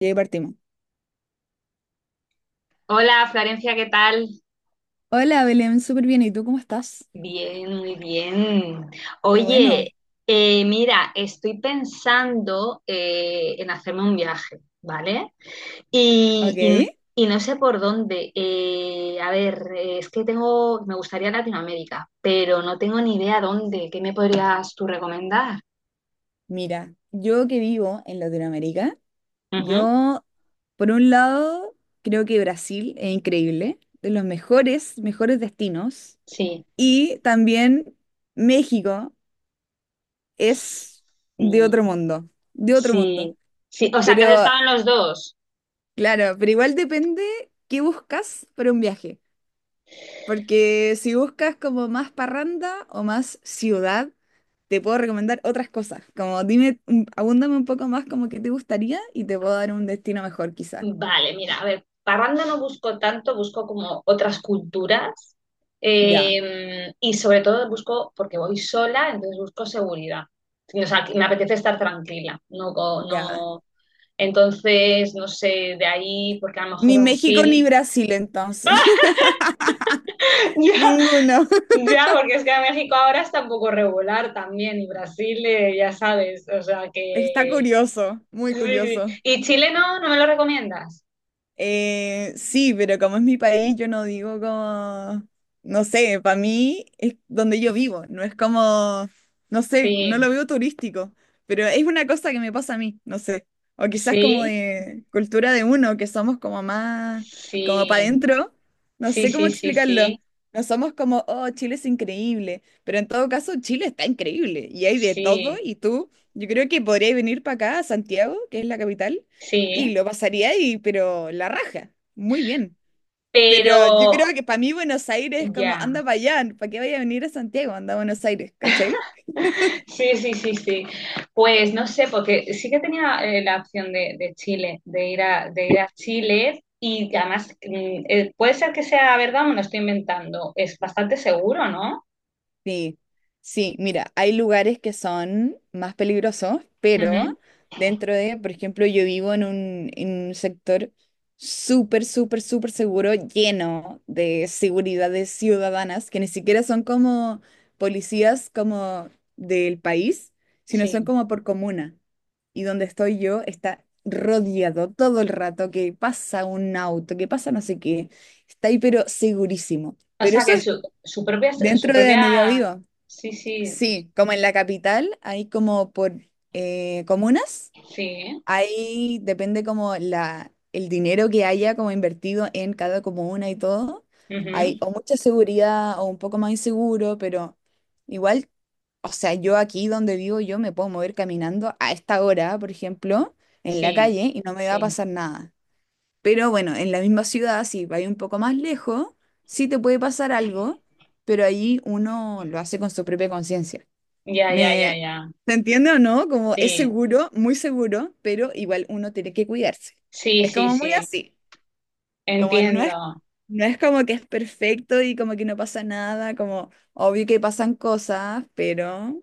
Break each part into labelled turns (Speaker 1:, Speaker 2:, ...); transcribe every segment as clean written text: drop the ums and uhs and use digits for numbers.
Speaker 1: Y ahí partimos.
Speaker 2: Hola Florencia, ¿qué tal?
Speaker 1: Hola Belén, súper bien. ¿Y tú cómo estás?
Speaker 2: Bien, muy bien.
Speaker 1: Qué bueno.
Speaker 2: Oye, mira, estoy pensando en hacerme un viaje, ¿vale? Y, y-
Speaker 1: Ok.
Speaker 2: y no sé por dónde. A ver, es que tengo, me gustaría Latinoamérica, pero no tengo ni idea dónde. ¿Qué me podrías tú recomendar?
Speaker 1: Mira, yo que vivo en Latinoamérica,
Speaker 2: Ujú.
Speaker 1: yo por un lado creo que Brasil es increíble, de los mejores, mejores destinos,
Speaker 2: Sí,
Speaker 1: y también México
Speaker 2: sí,
Speaker 1: es de otro mundo, de otro mundo.
Speaker 2: sí, sí. O sea, que
Speaker 1: Pero
Speaker 2: has estado en los dos.
Speaker 1: claro, pero igual depende qué buscas para un viaje, porque si buscas como más parranda o más ciudad, te puedo recomendar otras cosas. Como dime, abúndame un poco más como que te gustaría y te puedo dar un destino mejor quizás.
Speaker 2: Vale, mira, a ver, parranda no busco tanto, busco como otras culturas,
Speaker 1: Ya,
Speaker 2: y sobre todo busco, porque voy sola, entonces busco seguridad. Sí. O sea, que me apetece estar tranquila, no,
Speaker 1: ya.
Speaker 2: no, entonces, no sé, de ahí, porque a lo mejor
Speaker 1: Ni México ni
Speaker 2: Brasil.
Speaker 1: Brasil entonces.
Speaker 2: Ya,
Speaker 1: Ninguno.
Speaker 2: ya, porque es que a México ahora está un poco regular también, y Brasil, ya sabes, o sea
Speaker 1: Está
Speaker 2: que.
Speaker 1: curioso, muy
Speaker 2: Sí, sí.
Speaker 1: curioso.
Speaker 2: ¿Y Chile no? ¿No me lo recomiendas?
Speaker 1: Sí, pero como es mi país, yo no digo como, no sé, para mí es donde yo vivo, no es como, no sé, no
Speaker 2: Sí,
Speaker 1: lo veo turístico, pero es una cosa que me pasa a mí, no sé, o quizás como
Speaker 2: sí,
Speaker 1: de cultura de uno, que somos como más, como para
Speaker 2: sí.
Speaker 1: adentro, no
Speaker 2: Sí,
Speaker 1: sé cómo
Speaker 2: sí, sí,
Speaker 1: explicarlo,
Speaker 2: sí,
Speaker 1: no somos como, oh, Chile es increíble, pero en todo caso Chile está increíble y hay de todo
Speaker 2: sí,
Speaker 1: y tú, yo creo que podrías venir para acá, a Santiago, que es la capital y
Speaker 2: sí,
Speaker 1: lo pasaría ahí, pero la raja. Muy bien. Pero yo creo
Speaker 2: pero
Speaker 1: que para mí Buenos Aires es como,
Speaker 2: ya.
Speaker 1: anda para allá, ¿para qué vaya a venir a Santiago? Anda a Buenos Aires, ¿cachai?
Speaker 2: Sí, sí, sí, sí. Pues no sé, porque sí que tenía, la opción de Chile, de ir a Chile. Y además, puede ser que sea verdad, me lo estoy inventando, es bastante seguro, ¿no?
Speaker 1: Sí, sí, mira, hay lugares que son más peligrosos, pero
Speaker 2: Ujú.
Speaker 1: dentro de, por ejemplo, yo vivo en un sector súper, súper, súper seguro, lleno de seguridades ciudadanas, que ni siquiera son como policías como del país, sino son
Speaker 2: Sí,
Speaker 1: como por comuna. Y donde estoy yo está rodeado todo el rato, que pasa un auto, que pasa no sé qué. Está ahí, pero segurísimo.
Speaker 2: o
Speaker 1: Pero
Speaker 2: sea
Speaker 1: eso
Speaker 2: que
Speaker 1: es
Speaker 2: su propia, su
Speaker 1: dentro de
Speaker 2: propia.
Speaker 1: donde yo vivo.
Speaker 2: Sí, sí,
Speaker 1: Sí, como en la capital, hay como por comunas,
Speaker 2: sí,
Speaker 1: ahí depende como la, el dinero que haya como invertido en cada comuna y todo. Hay
Speaker 2: ujú,
Speaker 1: o mucha seguridad o un poco más inseguro, pero igual, o sea, yo aquí donde vivo, yo me puedo mover caminando a esta hora, por ejemplo, en la
Speaker 2: sí,
Speaker 1: calle y no me va a
Speaker 2: sí,
Speaker 1: pasar nada. Pero bueno, en la misma ciudad, si vais un poco más lejos, sí te puede pasar algo, pero ahí uno lo hace con su propia conciencia.
Speaker 2: ya, ya, ya,
Speaker 1: ¿Me
Speaker 2: ya,
Speaker 1: se entiende o no? Como es
Speaker 2: sí.
Speaker 1: seguro, muy seguro, pero igual uno tiene que cuidarse.
Speaker 2: Sí,
Speaker 1: Es
Speaker 2: sí,
Speaker 1: como muy
Speaker 2: sí.
Speaker 1: así, como no es,
Speaker 2: Entiendo.
Speaker 1: no es como que es perfecto y como que no pasa nada, como obvio que pasan cosas, pero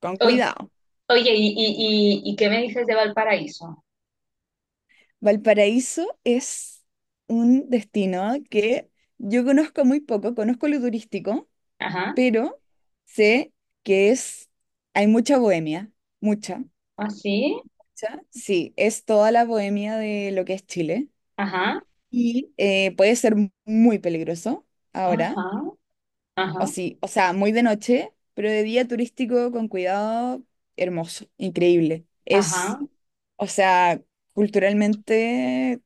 Speaker 1: con
Speaker 2: Oy-
Speaker 1: cuidado.
Speaker 2: Oye, ¿y qué me dices de Valparaíso?
Speaker 1: Valparaíso es un destino que yo conozco muy poco, conozco lo turístico,
Speaker 2: Ajá,
Speaker 1: pero sé que es, hay mucha bohemia, mucha,
Speaker 2: así,
Speaker 1: mucha. Sí, es toda la bohemia de lo que es Chile
Speaker 2: ajá,
Speaker 1: y puede ser muy peligroso ahora,
Speaker 2: ajá,
Speaker 1: o
Speaker 2: ajá,
Speaker 1: sí, o sea, muy de noche, pero de día turístico con cuidado, hermoso, increíble. Es,
Speaker 2: ajá,
Speaker 1: o sea, culturalmente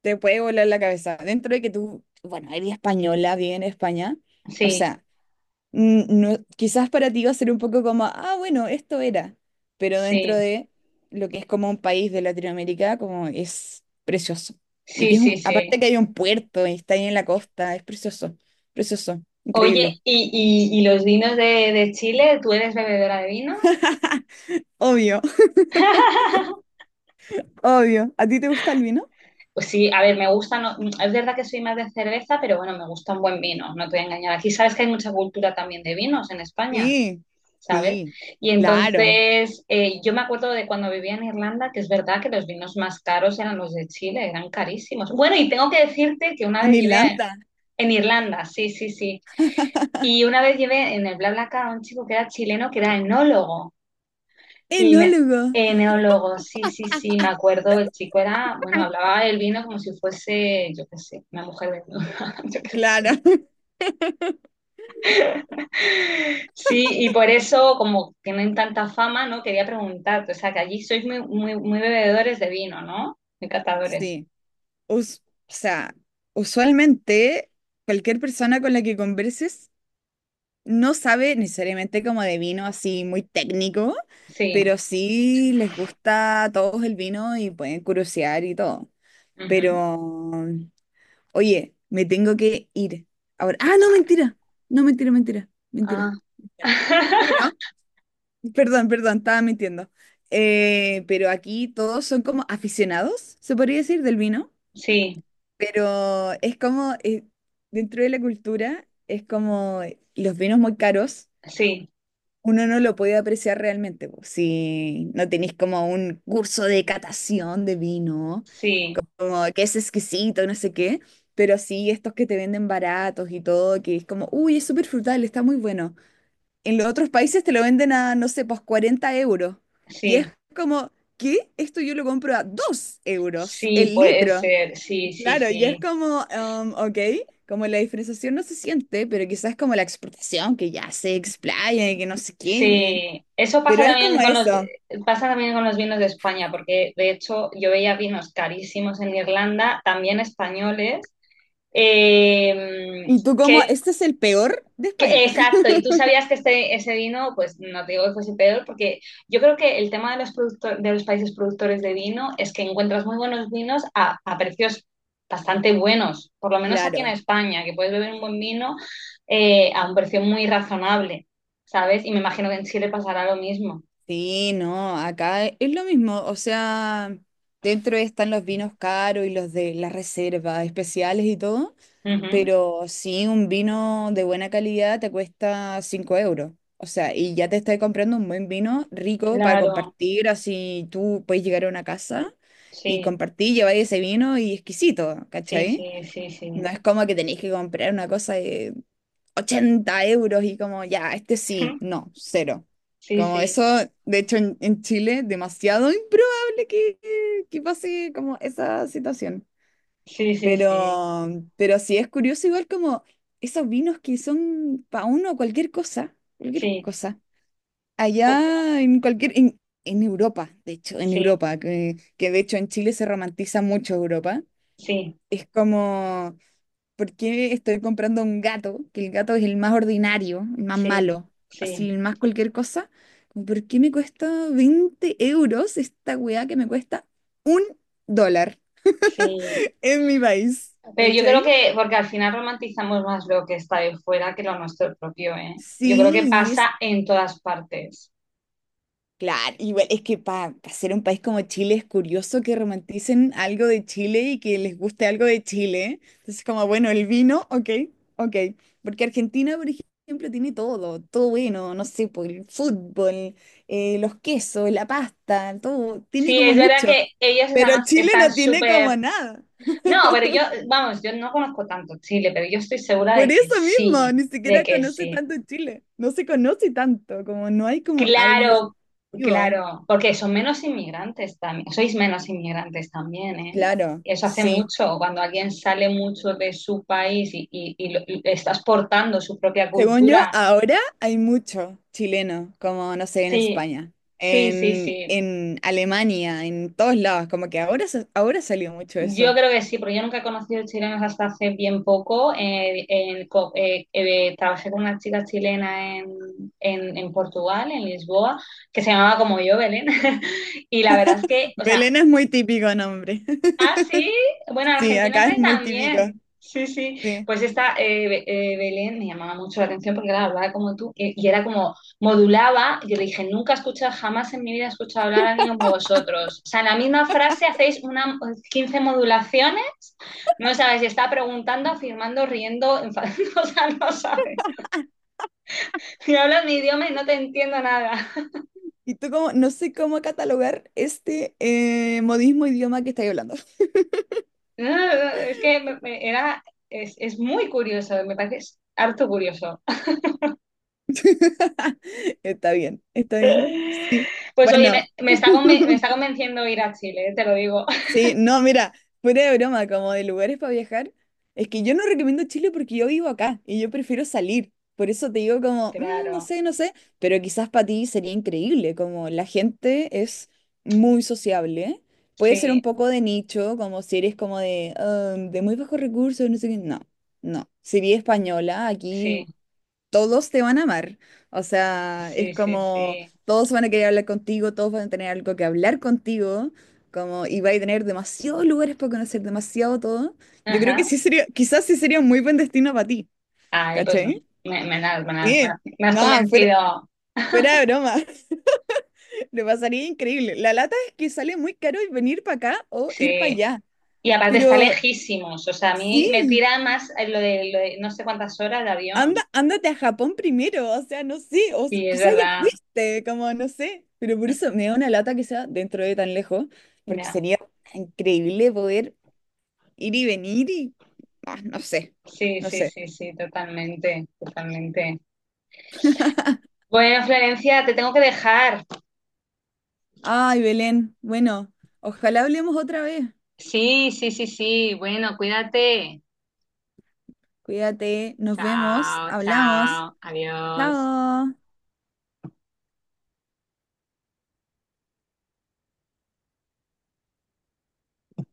Speaker 1: te puede volar la cabeza. Dentro de que tú, bueno, eres española, vives en España, o
Speaker 2: sí,
Speaker 1: sea, no, quizás para ti va a ser un poco como, ah, bueno, esto era, pero dentro
Speaker 2: sí,
Speaker 1: de lo que es como un país de Latinoamérica, como es precioso. Y
Speaker 2: sí,
Speaker 1: aquí es
Speaker 2: sí,
Speaker 1: un,
Speaker 2: sí.
Speaker 1: aparte que hay un puerto y está ahí en la costa, es precioso, precioso,
Speaker 2: Oye,
Speaker 1: increíble.
Speaker 2: ¿y los vinos de Chile? ¿Tú eres bebedora de vino?
Speaker 1: Obvio, obvio. ¿A ti te gusta el vino?
Speaker 2: Pues sí, a ver, me gustan, es verdad que soy más de cerveza, pero bueno, me gusta un buen vino, no te voy a engañar. Aquí sabes que hay mucha cultura también de vinos en España.
Speaker 1: Sí,
Speaker 2: ¿Sabes?
Speaker 1: sí,
Speaker 2: Y
Speaker 1: claro.
Speaker 2: entonces, yo me acuerdo de cuando vivía en Irlanda, que es verdad que los vinos más caros eran los de Chile, eran carísimos. Bueno, y tengo que decirte que una
Speaker 1: En
Speaker 2: vez
Speaker 1: Irlanda,
Speaker 2: En Irlanda, sí, sí, sí. Y una vez llevé en el BlaBlaCar a un chico que era chileno, que era enólogo. Y me,
Speaker 1: enólogo,
Speaker 2: enólogo, sí, sí, sí, me acuerdo, el chico era, bueno, hablaba del vino como si fuese, yo qué sé, una mujer desnuda, yo qué
Speaker 1: claro.
Speaker 2: sé. Sí, y por eso, como tienen tanta fama, ¿no? Quería preguntarte, o sea, que allí sois muy, muy, muy bebedores de vino, ¿no? Muy catadores.
Speaker 1: Sí. Us- o sea, usualmente cualquier persona con la que converses no sabe necesariamente como de vino así muy técnico,
Speaker 2: Sí.
Speaker 1: pero sí les gusta a todos el vino y pueden curiosear y todo.
Speaker 2: Ujú.
Speaker 1: Pero, oye, me tengo que ir. Ahora, ah, no, mentira. No, mentira, mentira, mentira.
Speaker 2: Ah.
Speaker 1: Pero, perdón, perdón, estaba mintiendo. Pero aquí todos son como aficionados, se podría decir, del vino.
Speaker 2: Sí,
Speaker 1: Pero es como, dentro de la cultura, es como los vinos muy caros,
Speaker 2: sí,
Speaker 1: uno no lo puede apreciar realmente, po, si no tenéis como un curso de catación de vino,
Speaker 2: sí,
Speaker 1: como que es exquisito, no sé qué, pero sí estos que te venden baratos y todo, que es como, uy, es súper frutal, está muy bueno. En los otros países te lo venden a, no sé, pues 40 euros. Y es
Speaker 2: sí,
Speaker 1: como, ¿qué? Esto yo lo compro a 2 euros
Speaker 2: sí,
Speaker 1: el
Speaker 2: puede
Speaker 1: litro.
Speaker 2: ser, sí, sí,
Speaker 1: Claro, y
Speaker 2: sí,
Speaker 1: es como, ok, como la diferenciación no se siente, pero quizás como la exportación, que ya se explaya y que no sé qué,
Speaker 2: sí. Eso pasa
Speaker 1: pero es
Speaker 2: también
Speaker 1: como
Speaker 2: con los,
Speaker 1: eso.
Speaker 2: pasa también con los vinos de España, porque de hecho yo veía vinos carísimos en Irlanda, también españoles, eh,
Speaker 1: Y tú como,
Speaker 2: que
Speaker 1: este es el peor de España.
Speaker 2: Exacto, y tú sabías que este, ese vino, pues no te digo que fuese peor, porque yo creo que el tema de los, producto- de los países productores de vino es que encuentras muy buenos vinos a precios bastante buenos, por lo menos aquí en
Speaker 1: Claro,
Speaker 2: España, que puedes beber un buen vino, a un precio muy razonable, ¿sabes? Y me imagino que en Chile pasará lo mismo.
Speaker 1: sí, no, acá es lo mismo, o sea, dentro están los vinos caros y los de la reserva especiales y todo.
Speaker 2: Ujú.
Speaker 1: Pero sí, un vino de buena calidad te cuesta 5 euros. O sea, y ya te estás comprando un buen vino rico para
Speaker 2: Claro,
Speaker 1: compartir, así tú puedes llegar a una casa y
Speaker 2: sí,
Speaker 1: compartir, llevar ese vino y exquisito,
Speaker 2: sí,
Speaker 1: ¿cachai?
Speaker 2: sí, sí, sí.
Speaker 1: No es como que tenéis que comprar una cosa de 80 euros y como, ya, este sí, no, cero.
Speaker 2: Sí,
Speaker 1: Como eso,
Speaker 2: sí,
Speaker 1: de hecho, en Chile, demasiado improbable que pase como esa situación.
Speaker 2: sí, sí,
Speaker 1: Pero, pero sí es curioso igual como esos vinos que son para uno cualquier cosa, cualquier
Speaker 2: sí,
Speaker 1: cosa. Allá en cualquier, en Europa, de hecho, en
Speaker 2: sí,
Speaker 1: Europa, que de hecho en Chile se romantiza mucho Europa.
Speaker 2: sí, sí,
Speaker 1: Es como, ¿por qué estoy comprando un gato? Que el gato es el más ordinario, el más
Speaker 2: sí,
Speaker 1: malo, así,
Speaker 2: sí.
Speaker 1: el más cualquier cosa. Como, ¿por qué me cuesta 20 euros esta weá que me cuesta un dólar
Speaker 2: Sí.
Speaker 1: en mi país?
Speaker 2: Pero yo creo
Speaker 1: ¿Cachai?
Speaker 2: que, porque al final romantizamos más lo que está de fuera que lo nuestro propio, ¿eh? Yo creo que
Speaker 1: Sí, y es
Speaker 2: pasa en todas partes.
Speaker 1: claro, igual es que para ser un país como Chile es curioso que romanticen algo de Chile y que les guste algo de Chile. Entonces, como bueno, el vino, ok, ok. Porque Argentina, por ejemplo, tiene todo, todo bueno, no sé, por el fútbol, los quesos, la pasta, todo, tiene
Speaker 2: Sí,
Speaker 1: como
Speaker 2: es verdad
Speaker 1: mucho.
Speaker 2: que ellos
Speaker 1: Pero
Speaker 2: además
Speaker 1: Chile
Speaker 2: están
Speaker 1: no tiene como
Speaker 2: súper...
Speaker 1: nada.
Speaker 2: No, pero yo, vamos, yo no conozco tanto Chile, pero yo estoy segura
Speaker 1: Por
Speaker 2: de que
Speaker 1: eso mismo,
Speaker 2: sí,
Speaker 1: ni
Speaker 2: de
Speaker 1: siquiera
Speaker 2: que
Speaker 1: conoce
Speaker 2: sí.
Speaker 1: tanto Chile. No se conoce tanto, como no hay como algo.
Speaker 2: Claro,
Speaker 1: Vivo.
Speaker 2: claro, porque son menos inmigrantes también, sois menos inmigrantes también, ¿eh?
Speaker 1: Claro,
Speaker 2: Eso hace
Speaker 1: sí.
Speaker 2: mucho, cuando alguien sale mucho de su país y está exportando su propia
Speaker 1: Según yo,
Speaker 2: cultura.
Speaker 1: ahora hay mucho chileno, como no sé, en
Speaker 2: Sí.
Speaker 1: España,
Speaker 2: Sí, sí,
Speaker 1: en,
Speaker 2: sí.
Speaker 1: en Alemania, en todos lados, como que ahora, se- ahora salió mucho
Speaker 2: Yo
Speaker 1: eso.
Speaker 2: creo que sí, porque yo nunca he conocido chilenos hasta hace bien poco. Trabajé con una chica chilena en Portugal, en Lisboa, que se llamaba como yo, Belén. Y la verdad es que, o sea...
Speaker 1: Belén es muy típico nombre.
Speaker 2: Ah, sí. Bueno, en
Speaker 1: Sí,
Speaker 2: Argentina
Speaker 1: acá
Speaker 2: creo
Speaker 1: es
Speaker 2: que
Speaker 1: muy típico.
Speaker 2: también. Sí, sí.
Speaker 1: Sí.
Speaker 2: Pues esta, Belén me llamaba mucho la atención porque claro, hablaba como tú, y era como modulaba. Yo le dije, nunca he escuchado, jamás en mi vida he escuchado hablar a alguien como vosotros. O sea, en la misma frase hacéis una 15 modulaciones. No sabes si está preguntando, afirmando, riendo, enfadando. O sea, no sabes. Si hablas mi idioma y no te entiendo nada.
Speaker 1: Y tú como, no sé cómo catalogar este modismo idioma que estáis hablando.
Speaker 2: Es que es muy curioso, me parece harto curioso.
Speaker 1: Está bien, está bien. Sí.
Speaker 2: Pues oye, me,
Speaker 1: Bueno.
Speaker 2: me está conven- me está convenciendo ir a Chile, te lo digo.
Speaker 1: Sí, no, mira, fuera de broma, como de lugares para viajar, es que yo no recomiendo Chile porque yo vivo acá y yo prefiero salir. Por eso te digo como, "Mm, no
Speaker 2: Claro,
Speaker 1: sé, no sé, pero quizás para ti sería increíble, como la gente es muy sociable. Puede ser un
Speaker 2: sí,
Speaker 1: poco de nicho, como si eres como de, "Ah, de muy bajos recursos, no sé qué. No, no. Si eres española,
Speaker 2: sí,
Speaker 1: aquí todos te van a amar. O sea, es
Speaker 2: sí, sí,
Speaker 1: como
Speaker 2: sí.
Speaker 1: todos van a querer hablar contigo, todos van a tener algo que hablar contigo, como y vais a tener demasiados lugares para conocer, demasiado todo. Yo creo
Speaker 2: Ajá.
Speaker 1: que sí sería, quizás sí sería un muy buen destino para ti,
Speaker 2: Ay, pues me,
Speaker 1: ¿cachai?
Speaker 2: me has, me has- me
Speaker 1: Sí,
Speaker 2: las- me has
Speaker 1: nada, fuera,
Speaker 2: convencido,
Speaker 1: fuera de broma. Le pasaría increíble. La lata es que sale muy caro venir para acá o ir para
Speaker 2: sí.
Speaker 1: allá.
Speaker 2: Y aparte está
Speaker 1: Pero
Speaker 2: lejísimos, o sea, a mí me
Speaker 1: sí,
Speaker 2: tira más lo de, no sé cuántas horas de
Speaker 1: anda,
Speaker 2: avión.
Speaker 1: ándate a Japón primero, o sea, no sé, o s-
Speaker 2: Sí, es
Speaker 1: quizás ya
Speaker 2: verdad.
Speaker 1: fuiste, como no sé, pero por eso me da una lata que sea dentro de tan lejos, porque
Speaker 2: Ya.
Speaker 1: sería increíble poder ir y venir y ah, no sé,
Speaker 2: Sí,
Speaker 1: no
Speaker 2: sí,
Speaker 1: sé.
Speaker 2: sí, sí, totalmente, totalmente. Bueno, Florencia, te tengo que dejar.
Speaker 1: Ay, Belén, bueno, ojalá hablemos otra vez.
Speaker 2: Sí, sí, sí, sí. Bueno, cuídate.
Speaker 1: Cuídate, nos vemos,
Speaker 2: Chao,
Speaker 1: hablamos.
Speaker 2: chao, adiós.
Speaker 1: Chao.